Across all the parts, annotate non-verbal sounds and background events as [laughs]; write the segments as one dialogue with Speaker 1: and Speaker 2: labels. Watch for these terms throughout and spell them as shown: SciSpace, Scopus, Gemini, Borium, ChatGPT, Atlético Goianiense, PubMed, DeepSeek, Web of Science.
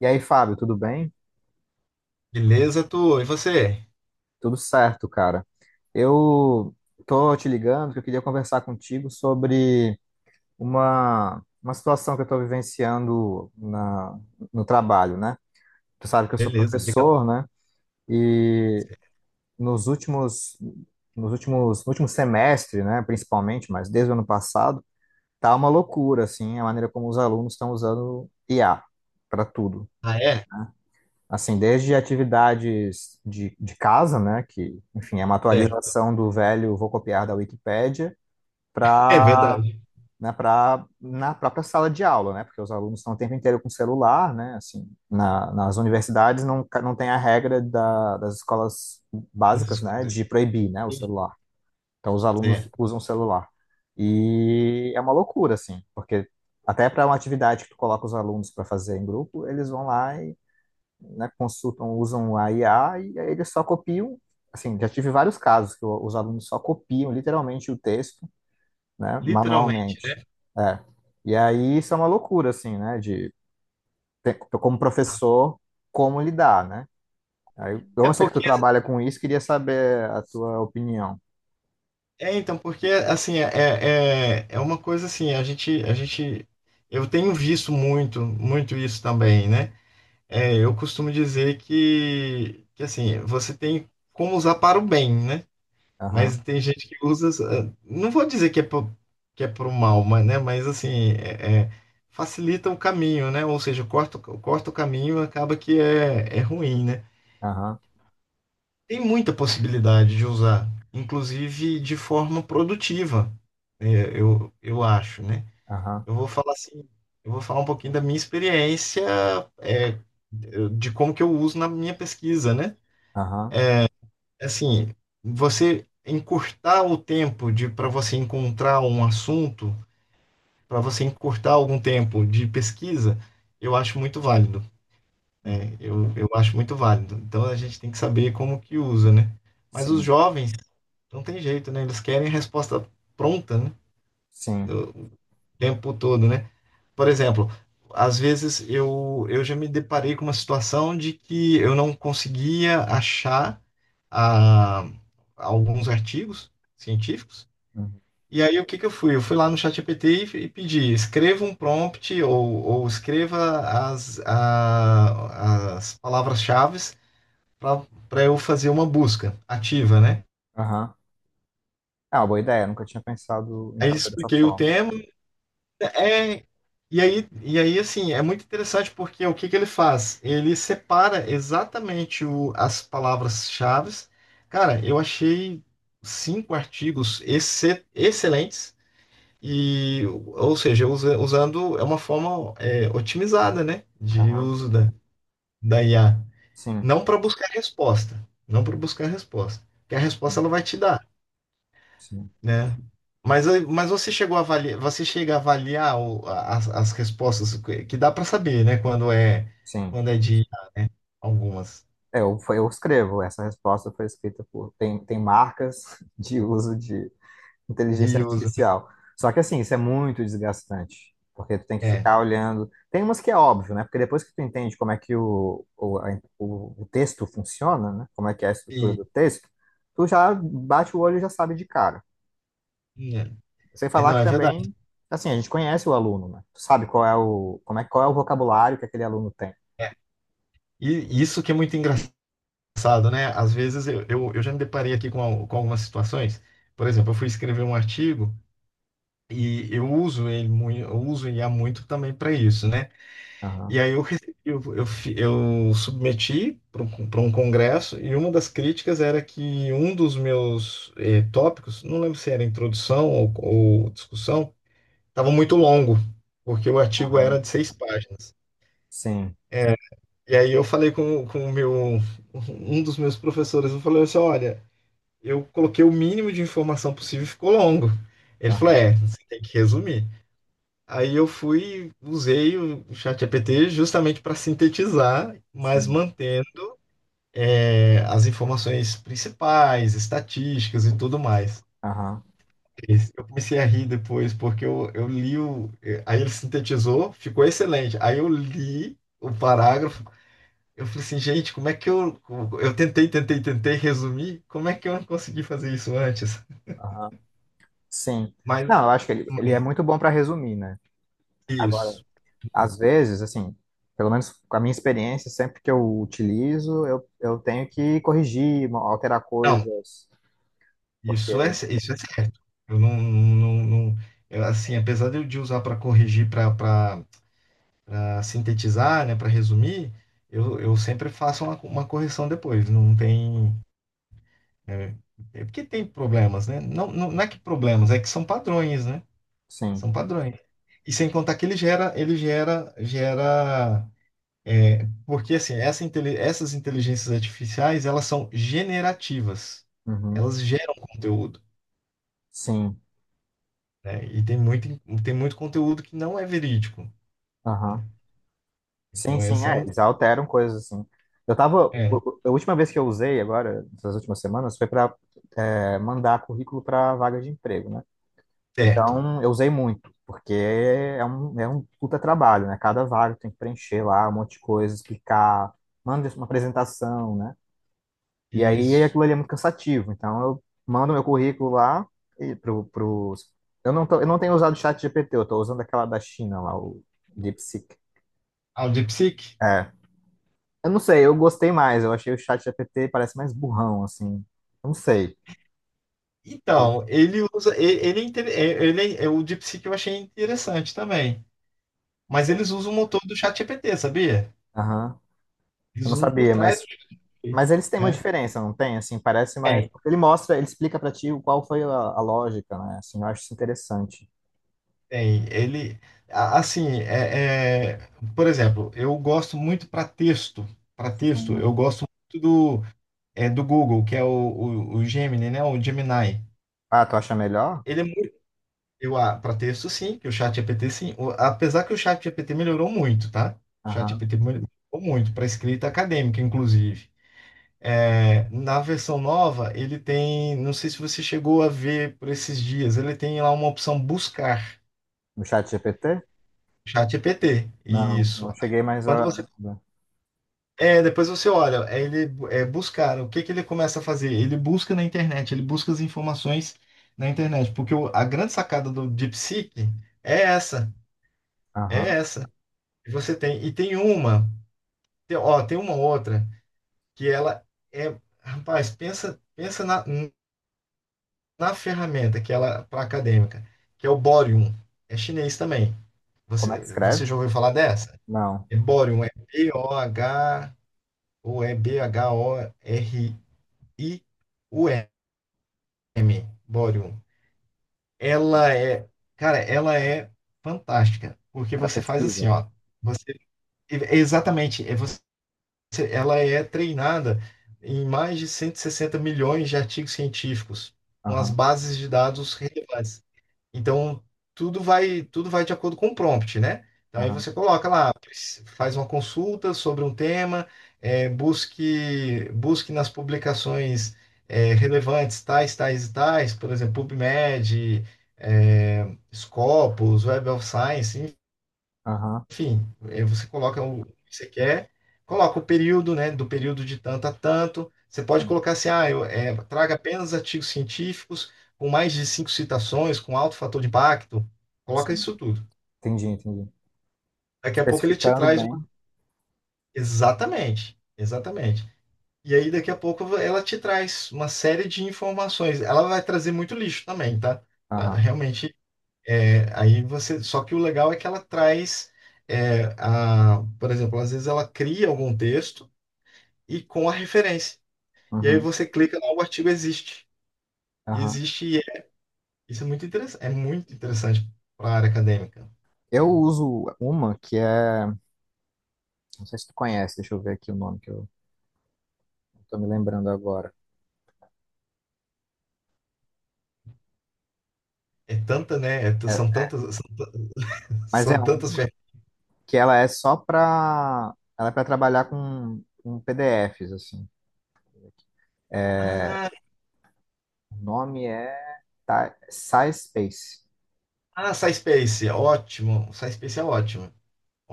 Speaker 1: E aí, Fábio, tudo bem?
Speaker 2: Beleza, tu? E você?
Speaker 1: Tudo certo, cara. Eu tô te ligando porque eu queria conversar contigo sobre uma situação que eu estou vivenciando no trabalho, né? Tu sabe que eu sou
Speaker 2: Beleza, diga lá.
Speaker 1: professor, né? E nos últimos, no último semestre, né, principalmente, mas desde o ano passado, tá uma loucura, assim, a maneira como os alunos estão usando IA para tudo.
Speaker 2: Ah, é?
Speaker 1: Assim, desde atividades de casa, né, que, enfim, é uma
Speaker 2: É,
Speaker 1: atualização do velho vou copiar da Wikipédia,
Speaker 2: é
Speaker 1: para
Speaker 2: verdade.
Speaker 1: né, para na própria sala de aula, né, porque os alunos estão o tempo inteiro com celular, né, assim, nas universidades não, não tem a regra das escolas
Speaker 2: Essas
Speaker 1: básicas, né,
Speaker 2: coisas.
Speaker 1: de proibir, né, o celular. Então, os alunos
Speaker 2: É,
Speaker 1: usam o celular. E é uma loucura, assim, porque até para uma atividade que tu coloca os alunos para fazer em grupo, eles vão lá né, consultam, usam a IA e aí eles só copiam. Assim, já tive vários casos que os alunos só copiam literalmente o texto, né,
Speaker 2: literalmente,
Speaker 1: manualmente.
Speaker 2: né?
Speaker 1: É. E aí isso é uma loucura, assim, né, de como professor, como lidar, né? Aí, eu
Speaker 2: É
Speaker 1: não sei que tu
Speaker 2: porque,
Speaker 1: trabalha com isso, queria saber a tua opinião.
Speaker 2: é então, porque assim, é uma coisa assim, a gente, eu tenho visto muito, muito isso também, né? É, eu costumo dizer que assim, você tem como usar para o bem, né?
Speaker 1: Aham,
Speaker 2: Mas tem gente que usa. Não vou dizer que é pro mal, mas, né? Mas assim, facilita o caminho, né? Ou seja, corta o caminho, acaba que é ruim, né?
Speaker 1: aham,
Speaker 2: Tem muita possibilidade de usar, inclusive de forma produtiva, eu acho, né?
Speaker 1: aham,
Speaker 2: Eu vou falar assim, eu vou falar um pouquinho da minha experiência, eh, de como que eu uso na minha pesquisa, né?
Speaker 1: aham,
Speaker 2: Assim, você encurtar o tempo de para você encontrar um assunto, para você encurtar algum tempo de pesquisa, eu acho muito válido,
Speaker 1: uhum.
Speaker 2: né? Eu acho muito válido. Então a gente tem que saber como que usa, né? Mas os
Speaker 1: Sim,
Speaker 2: jovens não tem jeito, né? Eles querem resposta pronta, né?
Speaker 1: sim,
Speaker 2: O tempo todo, né? Por exemplo, às vezes eu já me deparei com uma situação de que eu não conseguia achar a alguns artigos científicos.
Speaker 1: uhum,
Speaker 2: E aí, o que que eu fui? Eu fui lá no ChatGPT e pedi, escreva um prompt ou escreva as palavras-chave para eu fazer uma busca ativa, né?
Speaker 1: aham. É uma boa ideia, nunca tinha pensado em
Speaker 2: Aí
Speaker 1: fazer dessa
Speaker 2: expliquei o
Speaker 1: forma.
Speaker 2: tema. É, e aí, assim, é muito interessante porque o que que ele faz? Ele separa exatamente as palavras-chave. Cara, eu achei cinco artigos excelentes. E, ou seja, usando é uma forma otimizada, né, de
Speaker 1: Aham,
Speaker 2: uso da IA,
Speaker 1: sim,
Speaker 2: não para buscar resposta, não para buscar resposta, porque a resposta ela vai te dar,
Speaker 1: sim,
Speaker 2: né? Mas, mas você chega a avaliar as respostas que dá para saber, né, quando é
Speaker 1: sim.
Speaker 2: quando é de algumas
Speaker 1: Eu escrevo. Essa resposta foi escrita por. Tem marcas [laughs] de uso de inteligência
Speaker 2: de uso,
Speaker 1: artificial. Só que, assim, isso é muito desgastante, porque tu tem que
Speaker 2: é,
Speaker 1: ficar olhando. Tem umas que é óbvio, né? Porque depois que tu entende como é que o texto funciona, né? Como é que é a estrutura
Speaker 2: e,
Speaker 1: do texto, tu já bate o olho e já sabe de cara. Sem
Speaker 2: é,
Speaker 1: falar
Speaker 2: não
Speaker 1: que
Speaker 2: é verdade.
Speaker 1: também, assim, a gente conhece o aluno, né? Tu sabe qual é como é, qual é o vocabulário que aquele aluno tem.
Speaker 2: É. E isso que é muito engraçado, né? Às vezes eu já me deparei aqui com algumas situações. Por exemplo, eu fui escrever um artigo e eu uso o IA muito também para isso, né?
Speaker 1: Aham,
Speaker 2: E aí eu, recebi- eu, fi- eu submeti para um congresso e uma das críticas era que um dos meus tópicos, não lembro se era introdução ou discussão, estava muito longo, porque o artigo era
Speaker 1: aham,
Speaker 2: de seis páginas.
Speaker 1: sim,
Speaker 2: E aí eu falei com o meu um dos meus professores, eu falei assim, olha, eu coloquei o mínimo de informação possível e ficou longo. Ele falou,
Speaker 1: aham,
Speaker 2: é, você tem que resumir. Aí eu fui, usei o ChatGPT justamente para sintetizar, mas
Speaker 1: sim,
Speaker 2: mantendo as informações principais, estatísticas e tudo mais.
Speaker 1: aham,
Speaker 2: Eu comecei a rir depois, porque eu li o. Aí ele sintetizou, ficou excelente. Aí eu li o parágrafo, eu falei assim, gente, como é que eu. Eu tentei, tentei, tentei resumir, como é que eu não consegui fazer isso antes?
Speaker 1: aham. Sim.
Speaker 2: Mas,
Speaker 1: Não, eu acho que ele é
Speaker 2: mas
Speaker 1: muito bom para resumir, né? Agora,
Speaker 2: Isso.
Speaker 1: às vezes, assim, pelo menos com a minha experiência, sempre que eu utilizo, eu tenho que corrigir, alterar
Speaker 2: Não,
Speaker 1: coisas, porque,
Speaker 2: isso é, isso é certo. Eu não, não, eu, assim, apesar de eu de usar para corrigir, para sintetizar, né, para resumir, eu sempre faço uma correção depois. Não tem, é, é porque tem problemas, né? Não, não, não é que problemas, é que são padrões, né?
Speaker 1: sim,
Speaker 2: São padrões. E sem contar que ele gera, gera, porque assim, essas inteligências artificiais, elas são generativas.
Speaker 1: uhum,
Speaker 2: Elas geram conteúdo,
Speaker 1: sim,
Speaker 2: né? E tem muito conteúdo que não é verídico, né?
Speaker 1: aham, sim,
Speaker 2: Então,
Speaker 1: sim,
Speaker 2: esse é
Speaker 1: é,
Speaker 2: um.
Speaker 1: eles alteram coisas, assim. Eu tava,
Speaker 2: É,
Speaker 1: o- a última vez que eu usei agora, nas últimas semanas, foi para mandar currículo para vaga de emprego, né?
Speaker 2: certo.
Speaker 1: Então, eu usei muito, porque é é um puta trabalho, né? Cada vaga tem que preencher lá um monte de coisa, explicar, manda uma apresentação, né? E aí
Speaker 2: Isso.
Speaker 1: aquilo ali é muito cansativo. Então, eu mando meu currículo lá e pro... eu não tenho usado o chat GPT, eu tô usando aquela da China lá, o DeepSeek.
Speaker 2: Ah, o DeepSeek?
Speaker 1: É. Eu não sei, eu gostei mais. Eu achei o chat GPT parece mais burrão, assim. Eu não sei. O-
Speaker 2: Então, ele usa. Ele, o DeepSeek eu achei interessante também. Mas eles usam o motor do ChatGPT, sabia?
Speaker 1: aham. Eu
Speaker 2: Eles
Speaker 1: não
Speaker 2: usam por
Speaker 1: sabia,
Speaker 2: trás do
Speaker 1: mas
Speaker 2: ChatGPT,
Speaker 1: Mas eles têm uma
Speaker 2: né?
Speaker 1: diferença, não tem? Assim, parece mais.
Speaker 2: Tem,
Speaker 1: Porque ele mostra, ele explica pra ti qual foi a lógica, né? Assim, eu acho isso interessante.
Speaker 2: tem. Ele. Assim, por exemplo, eu gosto muito para texto. Para texto,
Speaker 1: Sim.
Speaker 2: eu gosto muito do, do Google, que é o Gemini, né? O Gemini.
Speaker 1: Ah, tu acha melhor?
Speaker 2: Ele é Eu, para texto, sim, que o chat GPT, sim. Apesar que o chat GPT melhorou muito, tá? O chat
Speaker 1: Aham.
Speaker 2: GPT melhorou muito para escrita acadêmica, inclusive. É, na versão nova, ele tem, não sei se você chegou a ver por esses dias, ele tem lá uma opção buscar
Speaker 1: No chat GPT?
Speaker 2: chat GPT.
Speaker 1: Não,
Speaker 2: Isso.
Speaker 1: não cheguei mais
Speaker 2: Quando
Speaker 1: a.
Speaker 2: você depois você olha, ele é buscar, o que que ele começa a fazer? Ele busca na internet, ele busca as informações na internet, porque a grande sacada do DeepSeek é essa, é
Speaker 1: Aham.
Speaker 2: essa. E você tem, e tem uma, tem, ó, tem uma outra que ela é, rapaz, pensa, pensa na ferramenta que ela para acadêmica, que é o Borium. É chinês também.
Speaker 1: Como é
Speaker 2: Você,
Speaker 1: que escreve?
Speaker 2: você já ouviu falar dessa?
Speaker 1: Não.
Speaker 2: É Borium, é B-O-H ou é B-H-O-R-I-U-M, Borium. Ela é, cara, ela é fantástica, porque
Speaker 1: Para
Speaker 2: você faz assim,
Speaker 1: pesquisa.
Speaker 2: ó, você é exatamente, é você ela é treinada em mais de 160 milhões de artigos científicos, com as
Speaker 1: Aham,
Speaker 2: bases de dados relevantes. Então, tudo vai de acordo com o prompt, né? Então, aí
Speaker 1: aham,
Speaker 2: você coloca lá, faz uma consulta sobre um tema, busque, busque nas publicações, relevantes tais, tais e tais, por exemplo, PubMed, é Scopus, Web of Science,
Speaker 1: aham.
Speaker 2: enfim, você coloca o que você quer, coloca o período, né, do período de tanto a tanto. Você pode
Speaker 1: Sim,
Speaker 2: colocar assim, ah, traga apenas artigos científicos com mais de cinco citações, com alto fator de impacto. Coloca
Speaker 1: sim.
Speaker 2: isso tudo.
Speaker 1: Entendi, entendi.
Speaker 2: Daqui a pouco ele te
Speaker 1: Especificando
Speaker 2: traz uma...
Speaker 1: bem.
Speaker 2: Exatamente, exatamente. E aí daqui a pouco ela te traz uma série de informações. Ela vai trazer muito lixo também, tá?
Speaker 1: Aham,
Speaker 2: Realmente, aí você... Só que o legal é que ela traz... por exemplo, às vezes ela cria algum texto e com a referência. E aí
Speaker 1: uhum,
Speaker 2: você clica lá, o artigo existe. E
Speaker 1: aham.
Speaker 2: existe, isso é muito interessante para a área acadêmica,
Speaker 1: Eu
Speaker 2: né?
Speaker 1: uso uma que é. Não sei se tu conhece, deixa eu ver aqui o nome que eu tô me lembrando agora.
Speaker 2: É tanta, né?
Speaker 1: É,
Speaker 2: São tantas, são,
Speaker 1: mas é
Speaker 2: são
Speaker 1: um
Speaker 2: tantas ferramentas.
Speaker 1: que ela é para trabalhar com PDFs assim. É,
Speaker 2: Ah,
Speaker 1: o nome é SciSpace.
Speaker 2: ah, SciSpace, ótimo. SciSpace é ótimo,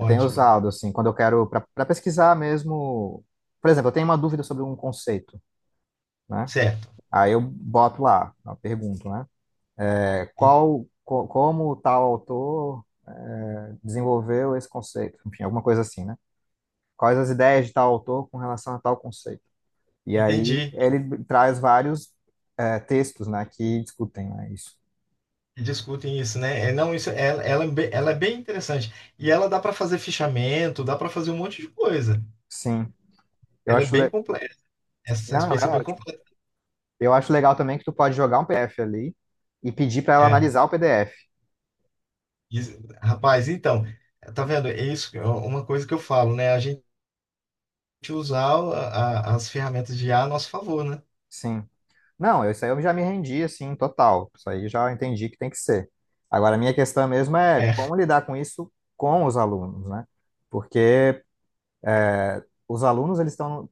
Speaker 1: Eu tenho usado assim quando eu quero para pesquisar mesmo. Por exemplo, eu tenho uma dúvida sobre um conceito, né?
Speaker 2: Certo.
Speaker 1: Aí eu boto lá, eu pergunto, né? É,
Speaker 2: E-
Speaker 1: como tal autor é, desenvolveu esse conceito? Enfim, alguma coisa assim, né? Quais as ideias de tal autor com relação a tal conceito? E aí
Speaker 2: Entendi.
Speaker 1: ele traz vários é, textos, né, que discutem, né, isso.
Speaker 2: E discutem isso, né? É, não, isso, ela é bem interessante. E ela dá para fazer fichamento, dá para fazer um monte de coisa.
Speaker 1: Sim, eu
Speaker 2: Ela é
Speaker 1: acho
Speaker 2: bem
Speaker 1: le...
Speaker 2: completa. Essa
Speaker 1: Não, não, é
Speaker 2: SciSpace é bem
Speaker 1: ótimo.
Speaker 2: completa.
Speaker 1: Eu acho legal também que tu pode jogar um PDF ali e pedir para ela
Speaker 2: é
Speaker 1: analisar o PDF.
Speaker 2: Rapaz, então, tá vendo? É isso, é uma coisa que eu falo, né? A gente usar as ferramentas de IA a nosso favor, né?
Speaker 1: Sim. Não, isso aí eu já me rendi, assim, total. Isso aí eu já entendi que tem que ser. Agora, a minha questão mesmo é
Speaker 2: É,
Speaker 1: como lidar com isso com os alunos, né? Porque os alunos, eles estão...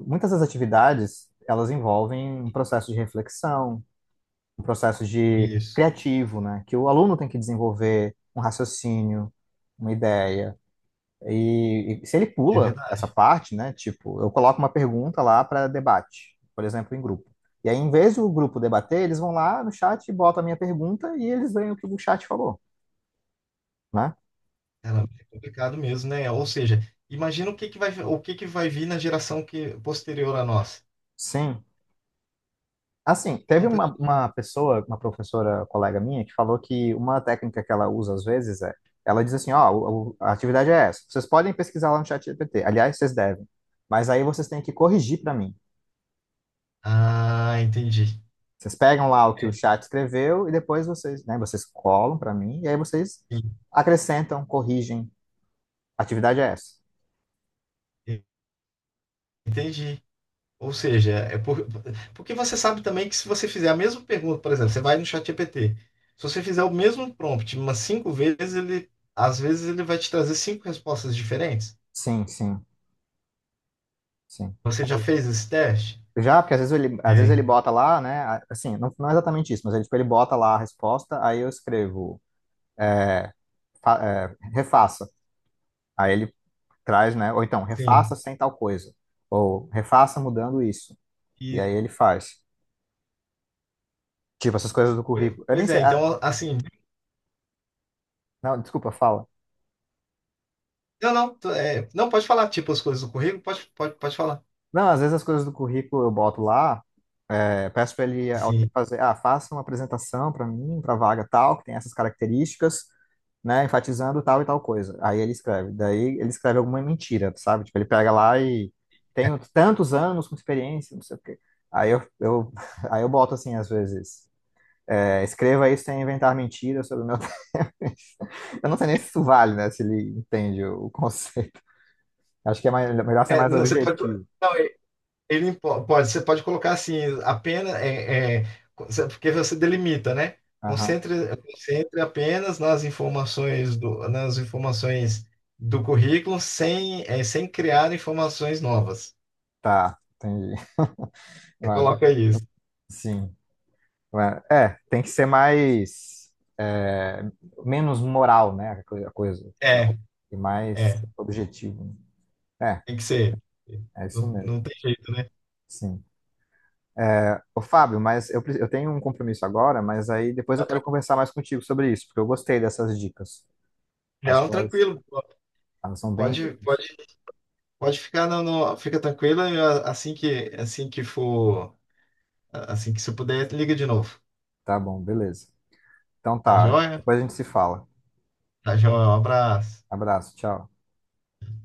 Speaker 1: Muitas das atividades, elas envolvem um processo de reflexão, um processo de
Speaker 2: isso.
Speaker 1: criativo, né? Que o aluno tem que desenvolver um raciocínio, uma ideia. E, se ele
Speaker 2: É
Speaker 1: pula essa
Speaker 2: verdade.
Speaker 1: parte, né? Tipo, eu coloco uma pergunta lá para debate, por exemplo, em grupo. E aí, em vez do grupo debater, eles vão lá no chat, botam a minha pergunta e eles veem o que o chat falou, né?
Speaker 2: Ela é complicado mesmo, né? Ou seja, imagina o que que vai vir na geração que posterior à nossa.
Speaker 1: Sim. Assim, teve
Speaker 2: Então,
Speaker 1: uma pessoa, uma professora colega minha, que falou que uma técnica que ela usa às vezes é, ela diz assim, ó, a atividade é essa. Vocês podem pesquisar lá no chat GPT. Aliás, vocês devem. Mas aí vocês têm que corrigir para mim.
Speaker 2: ah, entendi.
Speaker 1: Vocês pegam lá o que
Speaker 2: É,
Speaker 1: o chat escreveu e depois vocês, né, vocês colam para mim e aí vocês
Speaker 2: en-
Speaker 1: acrescentam, corrigem. A atividade é essa.
Speaker 2: Entendi. Ou seja, porque você sabe também que se você fizer a mesma pergunta, por exemplo, você vai no ChatGPT, se você fizer o mesmo prompt umas cinco vezes, ele às vezes ele vai te trazer cinco respostas diferentes.
Speaker 1: Sim, sim, sim.
Speaker 2: Você já fez esse teste?
Speaker 1: Já, porque às vezes ele
Speaker 2: É.
Speaker 1: bota lá, né, assim, não, não é exatamente isso, mas ele, tipo, ele bota lá a resposta, aí eu escrevo eh, refaça. Aí ele traz, né? Ou então, refaça
Speaker 2: Sim.
Speaker 1: sem tal coisa. Ou refaça mudando isso. E
Speaker 2: E,
Speaker 1: aí ele faz. Tipo, essas coisas do currículo. Eu nem
Speaker 2: pois
Speaker 1: sei.
Speaker 2: é, então assim,
Speaker 1: Não, desculpa, fala.
Speaker 2: não, não, não pode falar tipo as coisas do currículo, pode, pode, pode falar.
Speaker 1: Não, às vezes as coisas do currículo eu boto lá, é, peço para
Speaker 2: Sim.
Speaker 1: fazer, ah, faça uma apresentação para mim, para vaga tal, que tem essas características, né, enfatizando tal e tal coisa. Aí ele escreve. Daí ele escreve alguma mentira, sabe? Tipo, ele pega lá e tenho tantos anos com experiência, não sei o quê. Aí [laughs] aí eu boto assim, às vezes. É, escreva isso sem inventar mentiras sobre o meu texto. [laughs] Eu não sei nem se isso vale, né? Se ele entende o conceito. Acho que é melhor ser
Speaker 2: É,
Speaker 1: mais
Speaker 2: não, você pode.
Speaker 1: objetivo.
Speaker 2: Não, você pode colocar assim, apenas, porque você delimita, né?
Speaker 1: Aham.
Speaker 2: Concentre, concentre apenas nas informações nas informações do currículo sem, sem criar informações novas.
Speaker 1: Tá, entendi.
Speaker 2: Você
Speaker 1: Ah,
Speaker 2: coloca isso.
Speaker 1: sim. Ah, é, tem que ser mais. É, menos moral, né? A coisa. Tipo,
Speaker 2: É,
Speaker 1: e
Speaker 2: é,
Speaker 1: mais objetivo. É,
Speaker 2: Tem que ser.
Speaker 1: é isso
Speaker 2: Não,
Speaker 1: mesmo.
Speaker 2: não tem jeito, né?
Speaker 1: Sim. Ô, Fábio, mas eu tenho um compromisso agora, mas aí depois eu quero conversar mais contigo sobre isso, porque eu gostei dessas dicas. Acho
Speaker 2: Não,
Speaker 1: que
Speaker 2: tranquilo.
Speaker 1: elas são bem.
Speaker 2: Pode,
Speaker 1: Úteis.
Speaker 2: pode, pode ficar fica tranquila. Assim que for, assim que você puder, liga de novo.
Speaker 1: Tá bom, beleza. Então
Speaker 2: Tá
Speaker 1: tá,
Speaker 2: joia?
Speaker 1: depois a gente se fala.
Speaker 2: Tá joia. Um abraço.
Speaker 1: Abraço, tchau.